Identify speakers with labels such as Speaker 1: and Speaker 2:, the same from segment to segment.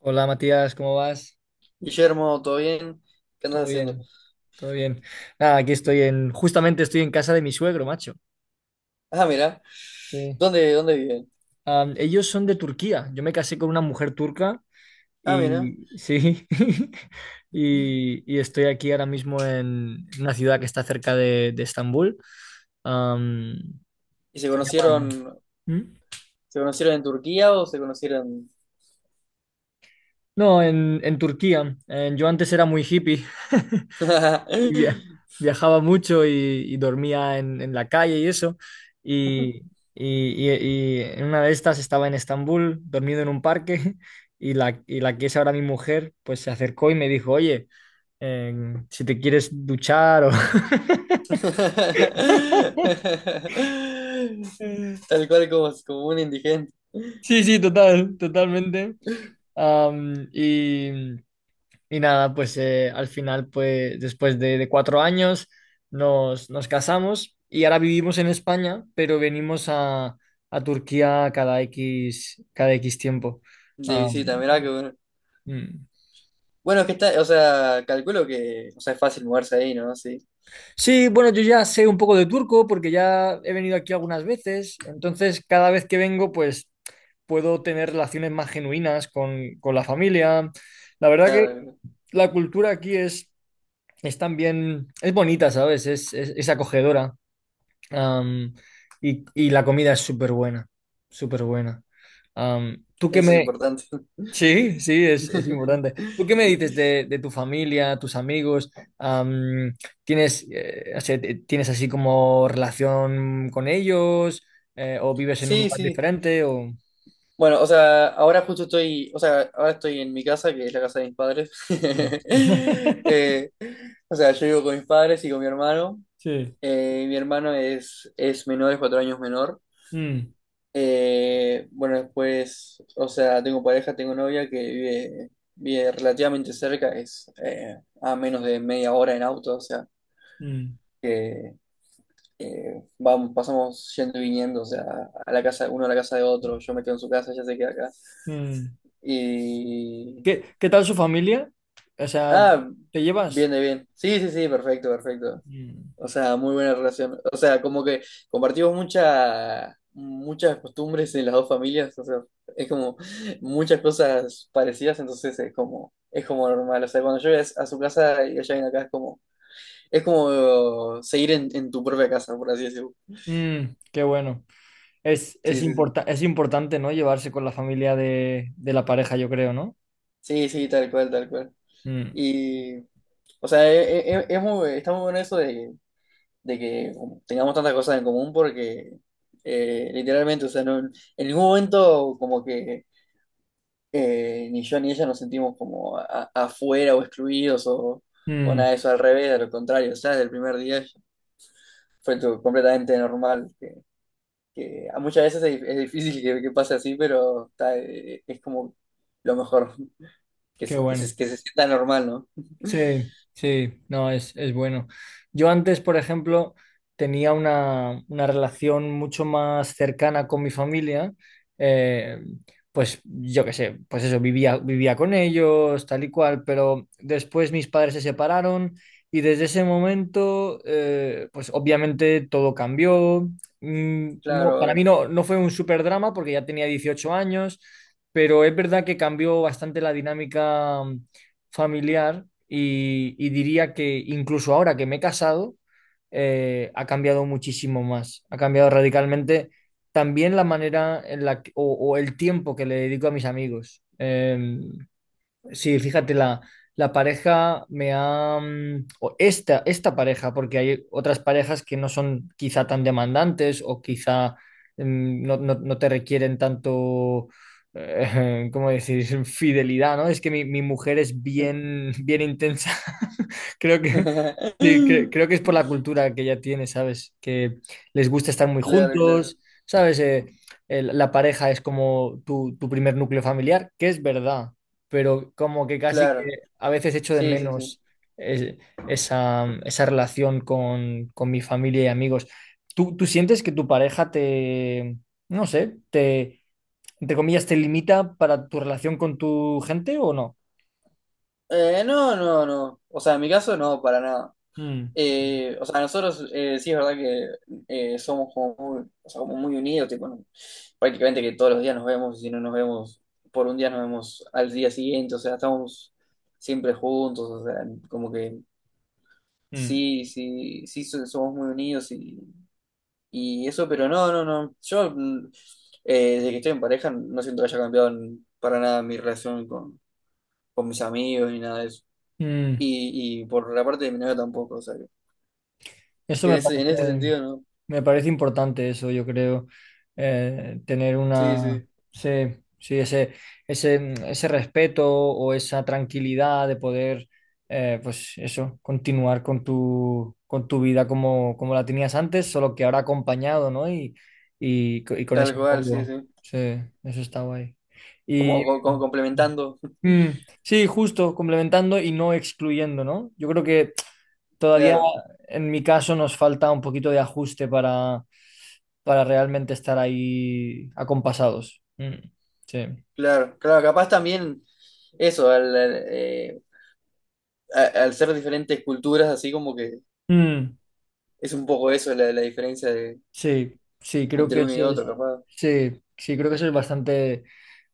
Speaker 1: Hola Matías, ¿cómo vas?
Speaker 2: Guillermo, ¿todo bien? ¿Qué andas
Speaker 1: Todo
Speaker 2: haciendo?
Speaker 1: bien, todo bien. Nada, aquí justamente estoy en casa de mi suegro, macho.
Speaker 2: Ah, mira,
Speaker 1: Sí.
Speaker 2: ¿dónde viven?
Speaker 1: Ellos son de Turquía. Yo me casé con una mujer turca
Speaker 2: Ah, mira.
Speaker 1: y sí, y estoy aquí ahora mismo en una ciudad que está cerca de Estambul. Am,
Speaker 2: ¿Y
Speaker 1: Se llama. ¿Mm?
Speaker 2: se conocieron en Turquía o se conocieron?
Speaker 1: No, en Turquía. Yo antes era muy hippie. Y viajaba mucho y dormía en la calle y eso. Y, y- y- y en una de estas estaba en Estambul, dormido en un parque, y la que es ahora mi mujer, pues se acercó y me dijo, oye, si te quieres duchar o.
Speaker 2: Tal cual, como, como un indigente.
Speaker 1: Sí, sí, totalmente. Am, y, Y nada, pues al final, pues después de 4 años nos casamos y ahora vivimos en España, pero venimos a Turquía cada X tiempo.
Speaker 2: De
Speaker 1: Ah,
Speaker 2: visita, mirá que bueno.
Speaker 1: mm.
Speaker 2: Bueno, es que está, o sea, calculo que, o sea, es fácil moverse ahí, ¿no? Sí,
Speaker 1: Sí, bueno, yo ya sé un poco de turco porque ya he venido aquí algunas veces, entonces cada vez que vengo, pues puedo tener relaciones más genuinas con la familia. La verdad que
Speaker 2: claro,
Speaker 1: la cultura aquí es también, es bonita, ¿sabes? Es acogedora. Am, y la comida es súper buena, súper buena. Tú qué
Speaker 2: eso es
Speaker 1: me.
Speaker 2: importante.
Speaker 1: Sí, sí, es importante. ¿Tú qué me dices de tu familia, tus amigos? Am, ¿Tienes, o sea, tienes así como relación con ellos? ¿O vives en un
Speaker 2: Sí,
Speaker 1: lugar
Speaker 2: sí.
Speaker 1: diferente? O.
Speaker 2: Bueno, o sea, ahora justo estoy, o sea, ahora estoy en mi casa, que es la casa de mis padres.
Speaker 1: Mm.
Speaker 2: Eh, o sea, yo vivo con mis padres y con mi hermano.
Speaker 1: Sí.
Speaker 2: Mi hermano es menor, es cuatro años menor.
Speaker 1: Mm,
Speaker 2: Bueno, después, o sea, tengo pareja, tengo novia que vive, vive relativamente cerca, es a menos de media hora en auto, o sea,
Speaker 1: mm,
Speaker 2: vamos, pasamos yendo y viniendo, o sea, a la casa, uno a la casa de otro, yo me quedo en su casa, ella se queda acá.
Speaker 1: mm.
Speaker 2: Y...
Speaker 1: ¿Qué tal su familia? O sea,
Speaker 2: Ah,
Speaker 1: ¿te
Speaker 2: bien,
Speaker 1: llevas?
Speaker 2: de bien. Sí, sí, sí, perfecto, perfecto.
Speaker 1: Mm.
Speaker 2: O sea, muy buena relación. O sea, como que compartimos mucha, muchas costumbres en las dos familias, o sea, es como muchas cosas parecidas, entonces es como normal. O sea, cuando yo voy a su casa y ella viene acá, es como seguir en tu propia casa, por así decirlo.
Speaker 1: Qué bueno. Es, es,
Speaker 2: Sí, sí, sí.
Speaker 1: importa- es importante, ¿no? Llevarse con la familia de la pareja, yo creo, ¿no?
Speaker 2: Sí, sí, tal cual, tal cual.
Speaker 1: Mm,
Speaker 2: Y, o sea, es, muy, está muy bueno eso de que tengamos tantas cosas en común porque literalmente, o sea, en ningún momento como que ni yo ni ella nos sentimos como afuera o excluidos o
Speaker 1: mm,
Speaker 2: nada de eso, al revés, a lo contrario, o sea, desde el primer día fue todo completamente normal, que a muchas veces es difícil que pase así, pero está, es como lo mejor, que,
Speaker 1: Qué bueno.
Speaker 2: que se sienta normal, ¿no?
Speaker 1: Sí, sí, no, es bueno. Yo antes, por ejemplo, tenía una relación mucho más cercana con mi familia. eh, pues yo qué sé, pues eso, vivía con ellos, tal y cual, pero después mis padres se separaron y desde ese momento, pues obviamente todo cambió. No, para
Speaker 2: Claro.
Speaker 1: mí no, no fue un super drama porque ya tenía 18 años, pero es verdad que cambió bastante la dinámica familiar y diría que incluso ahora que me he casado, ha cambiado muchísimo más, ha cambiado radicalmente también la manera en la que, o el tiempo que le dedico a mis amigos. Sí, fíjate, la pareja me ha. O esta pareja, porque hay otras parejas que no son quizá tan demandantes o quizá no, no te requieren tanto, ¿Cómo decir? Fidelidad, ¿no? Es que mi mujer es bien, bien intensa. Creo que.
Speaker 2: Claro,
Speaker 1: Sí, creo que es por la cultura que ya tiene, ¿sabes? Que les gusta estar muy
Speaker 2: claro,
Speaker 1: juntos, ¿sabes? La pareja es como tu primer núcleo familiar, que es verdad, pero como que casi que
Speaker 2: claro.
Speaker 1: a veces echo de
Speaker 2: Sí, sí, sí.
Speaker 1: menos eh, esa relación con mi familia y amigos. ¿Tú sientes que tu pareja te, no sé, te, entre comillas, te limita para tu relación con tu gente o no?
Speaker 2: No, no, no. O sea, en mi caso no, para nada.
Speaker 1: Mm,
Speaker 2: O sea, nosotros sí es verdad que somos como muy, o sea, como muy unidos, tipo, prácticamente que todos los días nos vemos, y si no nos vemos por un día nos vemos al día siguiente, o sea, estamos siempre juntos, o sea, como que
Speaker 1: mm,
Speaker 2: sí, sí, sí somos muy unidos y eso, pero no, no, no. Yo, desde que estoy en pareja, no siento que haya cambiado para nada mi relación con mis amigos ni nada de eso.
Speaker 1: mm.
Speaker 2: Y por la parte de mi novia tampoco, o sea,
Speaker 1: Eso
Speaker 2: que
Speaker 1: me
Speaker 2: en ese
Speaker 1: parece,
Speaker 2: sentido, ¿no?
Speaker 1: Me parece importante, eso yo creo, tener una,
Speaker 2: Sí, sí,
Speaker 1: sí, sí, ese respeto o esa tranquilidad de poder, pues eso, continuar con tu vida como la tenías antes, solo que ahora acompañado, ¿no? Y con ese
Speaker 2: tal cual, sí,
Speaker 1: apoyo,
Speaker 2: sí.
Speaker 1: sí, eso está guay. Y
Speaker 2: Como, como complementando.
Speaker 1: mm, sí, justo, complementando y no excluyendo, ¿no? Yo creo que todavía
Speaker 2: Claro,
Speaker 1: en mi caso nos falta un poquito de ajuste para realmente estar ahí acompasados. Mm, sí.
Speaker 2: claro, claro. Capaz también eso, al ser diferentes culturas, así como que
Speaker 1: Mm,
Speaker 2: es un poco eso la, la diferencia de,
Speaker 1: sí, sí, creo
Speaker 2: entre
Speaker 1: que
Speaker 2: uno
Speaker 1: eso
Speaker 2: y otro,
Speaker 1: es,
Speaker 2: capaz.
Speaker 1: sí, sí, creo que eso es bastante,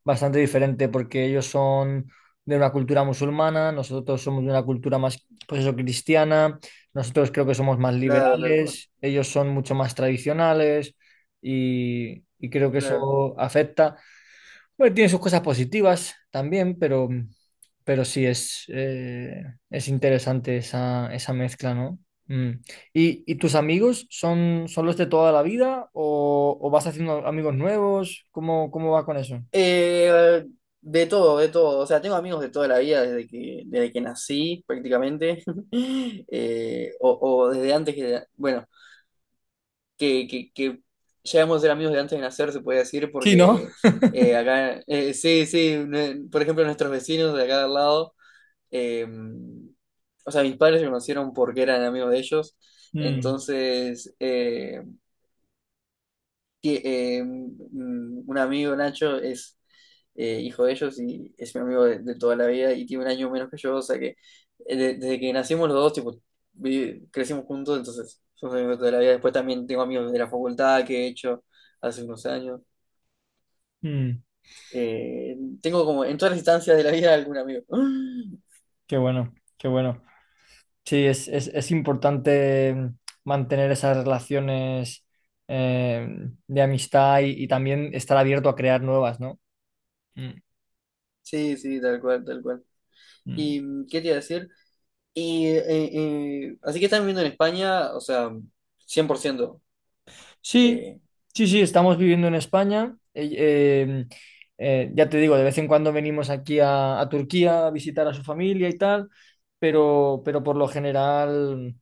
Speaker 1: bastante diferente porque ellos son de una cultura musulmana, nosotros somos de una cultura más, pues eso, cristiana, nosotros creo que somos más
Speaker 2: Claro, tal cual,
Speaker 1: liberales, ellos son mucho más tradicionales y creo que
Speaker 2: claro.
Speaker 1: eso afecta. Bueno, tiene sus cosas positivas también, pero sí es interesante esa mezcla, ¿no? Mm. ¿Y tus amigos son los de toda la vida o vas haciendo amigos nuevos? ¿Cómo va con eso?
Speaker 2: Eh, de todo, de todo. O sea, tengo amigos de toda la vida, desde que nací prácticamente. O, o desde antes que, bueno, que llegamos a ser amigos de antes de nacer, se puede decir,
Speaker 1: Sí, ¿no?
Speaker 2: porque acá, sí, sí, por ejemplo, nuestros vecinos de acá de al lado, eh, o sea, mis padres se conocieron porque eran amigos de ellos,
Speaker 1: Mm,
Speaker 2: entonces... que un amigo, Nacho, es hijo de ellos y es mi amigo de toda la vida y tiene un año menos que yo, o sea que desde que nacimos los dos, tipo, crecimos juntos, entonces somos amigos de toda la vida. Después también tengo amigos de la facultad que he hecho hace unos años.
Speaker 1: mm,
Speaker 2: Eh, Tengo como en todas las instancias de la vida algún amigo.
Speaker 1: Qué bueno, qué bueno. Sí, es importante mantener esas relaciones eh, de amistad y también estar abierto a crear nuevas, ¿no? Mm,
Speaker 2: Sí, sí, tal cual, tal cual.
Speaker 1: mm.
Speaker 2: ¿Y qué te iba a decir? Y, así que están viviendo en España, o sea, 100%.
Speaker 1: Sí,
Speaker 2: Eh,
Speaker 1: sí, sí, estamos viviendo en España. Ya te digo, de vez en cuando venimos aquí a Turquía a visitar a su familia y tal, pero por lo general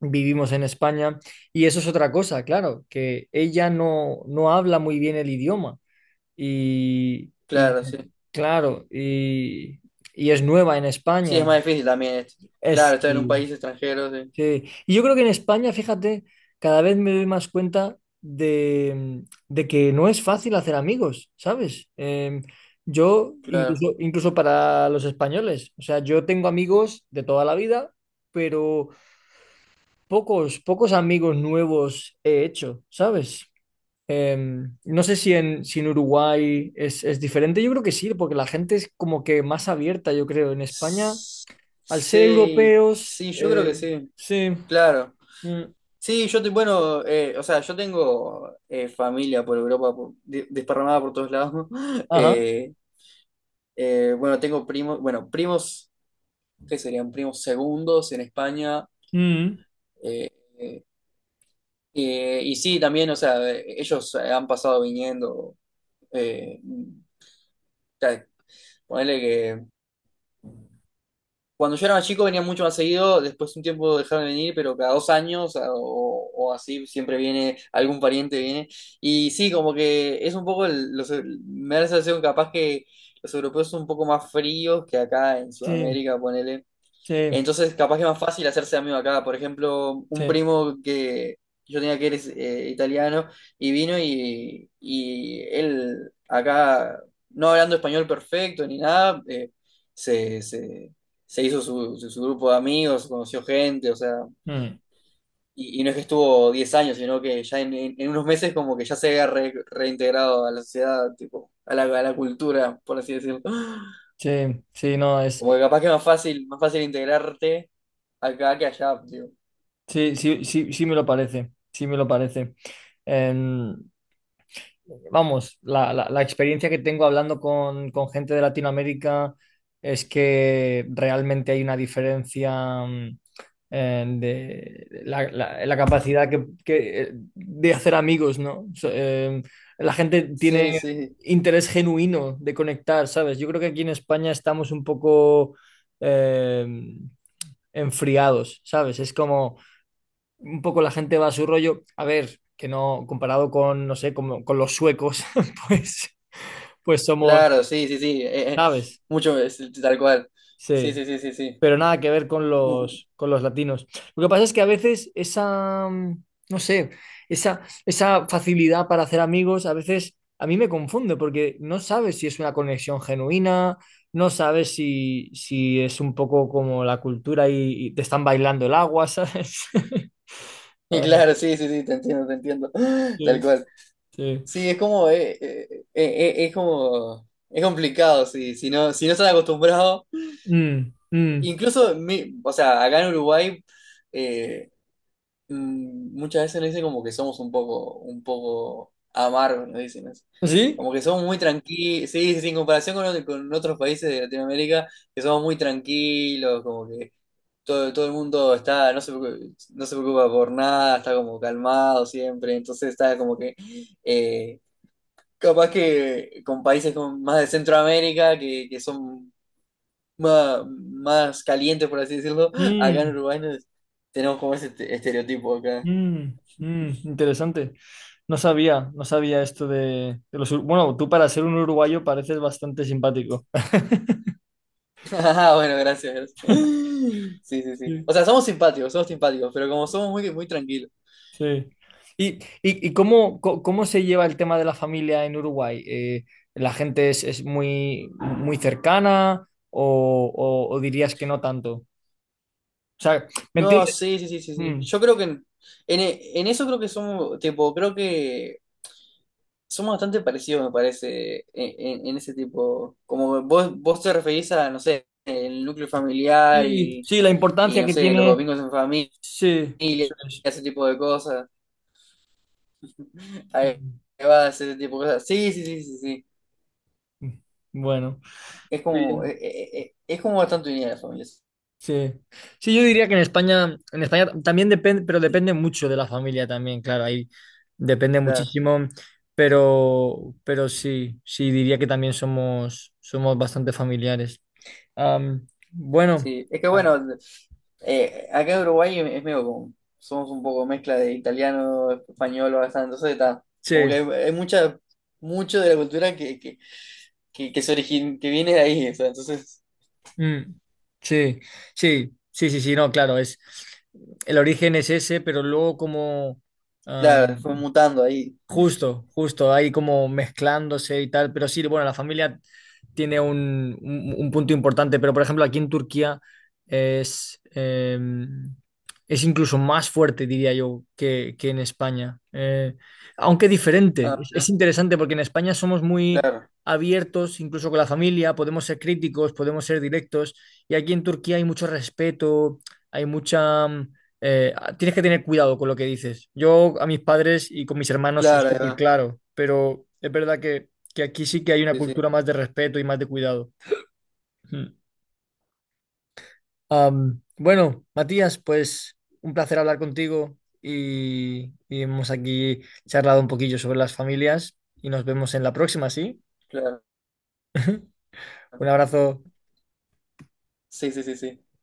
Speaker 1: vivimos en España. Y eso es otra cosa, claro, que ella no habla muy bien el idioma. Y,
Speaker 2: claro, sí.
Speaker 1: claro, y es nueva en
Speaker 2: Sí,
Speaker 1: España.
Speaker 2: es más difícil también, este.
Speaker 1: Es,
Speaker 2: Claro, estar en un país extranjero, sí.
Speaker 1: Sí, y yo creo que en España, fíjate, cada vez me doy más cuenta de que no es fácil hacer amigos, ¿sabes? Yo,
Speaker 2: Claro.
Speaker 1: incluso para los españoles, o sea, yo tengo amigos de toda la vida, pero pocos, pocos amigos nuevos he hecho, ¿sabes? Eh, no sé si en, Uruguay es diferente, yo creo que sí, porque la gente es como que más abierta, yo creo. En España,
Speaker 2: S-
Speaker 1: al ser
Speaker 2: Sí,
Speaker 1: europeos,
Speaker 2: sí, yo creo que sí.
Speaker 1: sí.
Speaker 2: Claro.
Speaker 1: Mm.
Speaker 2: Sí, yo, bueno, o sea, yo tengo familia por Europa, desparramada por todos lados.
Speaker 1: Ajá.
Speaker 2: Eh, bueno, tengo primos, bueno, primos, ¿qué serían? Primos segundos en España.
Speaker 1: Mm,
Speaker 2: eh, y sí, también, o sea, ellos han pasado viniendo. Eh, ta- Ponele que cuando yo era más chico venía mucho más seguido, después un tiempo dejaron de venir, pero cada dos años o así siempre viene, algún pariente viene. Y sí, como que es un poco, los, me da la sensación capaz que los europeos son un poco más fríos que acá en
Speaker 1: sí,
Speaker 2: Sudamérica, ponele.
Speaker 1: sí,
Speaker 2: Entonces, capaz que es más fácil hacerse amigo acá. Por ejemplo, un
Speaker 1: sí.
Speaker 2: primo que yo tenía que era italiano y vino y él acá, no hablando español perfecto ni nada, se, se- se hizo su, su grupo de amigos, conoció gente, o sea,
Speaker 1: Mm,
Speaker 2: y no es que estuvo 10 años, sino que ya en, en unos meses como que ya se había reintegrado a la sociedad, tipo, a la cultura, por así decirlo.
Speaker 1: sí, sí, no, es.
Speaker 2: Como que capaz que es más fácil integrarte acá que allá.
Speaker 1: Sí, sí, sí, sí me lo parece. Sí me lo parece. Em, Vamos, la experiencia que tengo hablando con gente de Latinoamérica es que realmente hay una diferencia. De la capacidad que, de hacer amigos, ¿no? La gente
Speaker 2: Sí,
Speaker 1: tiene
Speaker 2: sí,
Speaker 1: interés genuino de conectar, ¿sabes? Yo creo que aquí en España estamos un poco eh, enfriados, ¿sabes? Es como un poco la gente va a su rollo. A ver, que no, comparado con, no sé, como con los suecos, pues, pues somos,
Speaker 2: claro, sí, sí, sí,
Speaker 1: ¿sabes?
Speaker 2: mucho, es tal cual. Sí,
Speaker 1: Sí.
Speaker 2: sí, sí, sí, sí.
Speaker 1: Pero nada que ver con
Speaker 2: Mu-
Speaker 1: los, con los latinos. Lo que pasa es que a veces no sé, esa facilidad para hacer amigos, a veces a mí me confunde porque no sabes si es una conexión genuina, no sabes si es un poco como la cultura y te están bailando el agua, ¿sabes?
Speaker 2: Y
Speaker 1: Ah,
Speaker 2: claro, sí, sí, sí, te entiendo, te entiendo. Tal
Speaker 1: sí,
Speaker 2: cual.
Speaker 1: sí.
Speaker 2: Sí, es como, es como, es complicado, sí, si no, si no estás acostumbrado.
Speaker 1: Mm, mm.
Speaker 2: Incluso, o sea, acá en Uruguay, eh, muchas veces nos dicen como que somos un poco amargos, nos dicen así.
Speaker 1: ¿Sí?
Speaker 2: Como que somos muy tranquilos, sí, sí, sí, en comparación con, con otros países de Latinoamérica, que somos muy tranquilos, como que todo, todo el mundo está, no se, no se preocupa por nada, está como calmado siempre, entonces está como que, eh, capaz que con países como más de Centroamérica, que son más, más calientes, por así decirlo, acá en
Speaker 1: Mm.
Speaker 2: Uruguay tenemos como ese estereotipo acá.
Speaker 1: Mm, Interesante. No sabía, no sabía esto de los. Bueno, tú para ser un uruguayo pareces bastante simpático.
Speaker 2: Ah, bueno, gracias, gracias. Sí, sí, sí.
Speaker 1: Sí.
Speaker 2: O sea, somos simpáticos, pero como somos muy, muy tranquilos.
Speaker 1: Sí. ¿Y, y cómo se lleva el tema de la familia en Uruguay? ¿La gente es muy, muy cercana o dirías que no tanto? O sea, ¿me
Speaker 2: No,
Speaker 1: entiendes?
Speaker 2: sí, sí, sí, sí, sí.
Speaker 1: Mm.
Speaker 2: Yo creo que en, en eso creo que somos, tipo, creo que somos bastante parecidos, me parece, en, en ese tipo. Como vos, vos te referís a, no sé, el núcleo familiar
Speaker 1: Sí, sí, la
Speaker 2: y
Speaker 1: importancia
Speaker 2: no
Speaker 1: que
Speaker 2: sé, los
Speaker 1: tiene.
Speaker 2: domingos en familia,
Speaker 1: Sí, eso es.
Speaker 2: ese tipo de cosas. Ahí
Speaker 1: Mm,
Speaker 2: va, ese tipo de cosas. Sí, sí, sí, sí, sí.
Speaker 1: mm. Mm. Bueno,
Speaker 2: Es
Speaker 1: muy
Speaker 2: como,
Speaker 1: bien.
Speaker 2: es como bastante unida la familia. Sí,
Speaker 1: Sí. Sí, yo diría que en España también depende, pero depende mucho de la familia también, claro, ahí depende
Speaker 2: claro.
Speaker 1: muchísimo, pero sí, sí, diría que también somos, bastante familiares. Bueno,
Speaker 2: Sí, es que
Speaker 1: ah,
Speaker 2: bueno, acá en Uruguay es medio como, somos un poco mezcla de italiano, español, bastante, entonces está,
Speaker 1: sí,
Speaker 2: como que hay mucha, mucho de la cultura que, que se origin, que viene de ahí, o sea, entonces,
Speaker 1: mm, sí, sí, sí, sí, sí, no, claro, es, el origen es ese, pero luego como,
Speaker 2: claro, fue mutando ahí.
Speaker 1: justo, justo, ahí como mezclándose y tal, pero sí, bueno, la familia tiene un, un punto importante, pero por ejemplo aquí en Turquía es, eh, es incluso más fuerte, diría yo, que en España, aunque diferente. Es,
Speaker 2: Ah,
Speaker 1: es interesante porque en España somos muy
Speaker 2: claro,
Speaker 1: abiertos, incluso con la familia, podemos ser críticos, podemos ser directos, y aquí en Turquía hay mucho respeto, hay mucha, tienes que tener cuidado con lo que dices. Yo a mis padres y con mis hermanos soy
Speaker 2: claro, ahí
Speaker 1: súper
Speaker 2: va.
Speaker 1: claro, pero es verdad que aquí sí que hay una
Speaker 2: Sí, sí,
Speaker 1: cultura más de respeto y más de cuidado. Mm. Bueno, Matías, pues un placer hablar contigo y hemos aquí charlado un poquillo sobre las familias y nos vemos en la próxima, ¿sí?
Speaker 2: claro.
Speaker 1: Un abrazo.
Speaker 2: Sí, sí, sí, sí.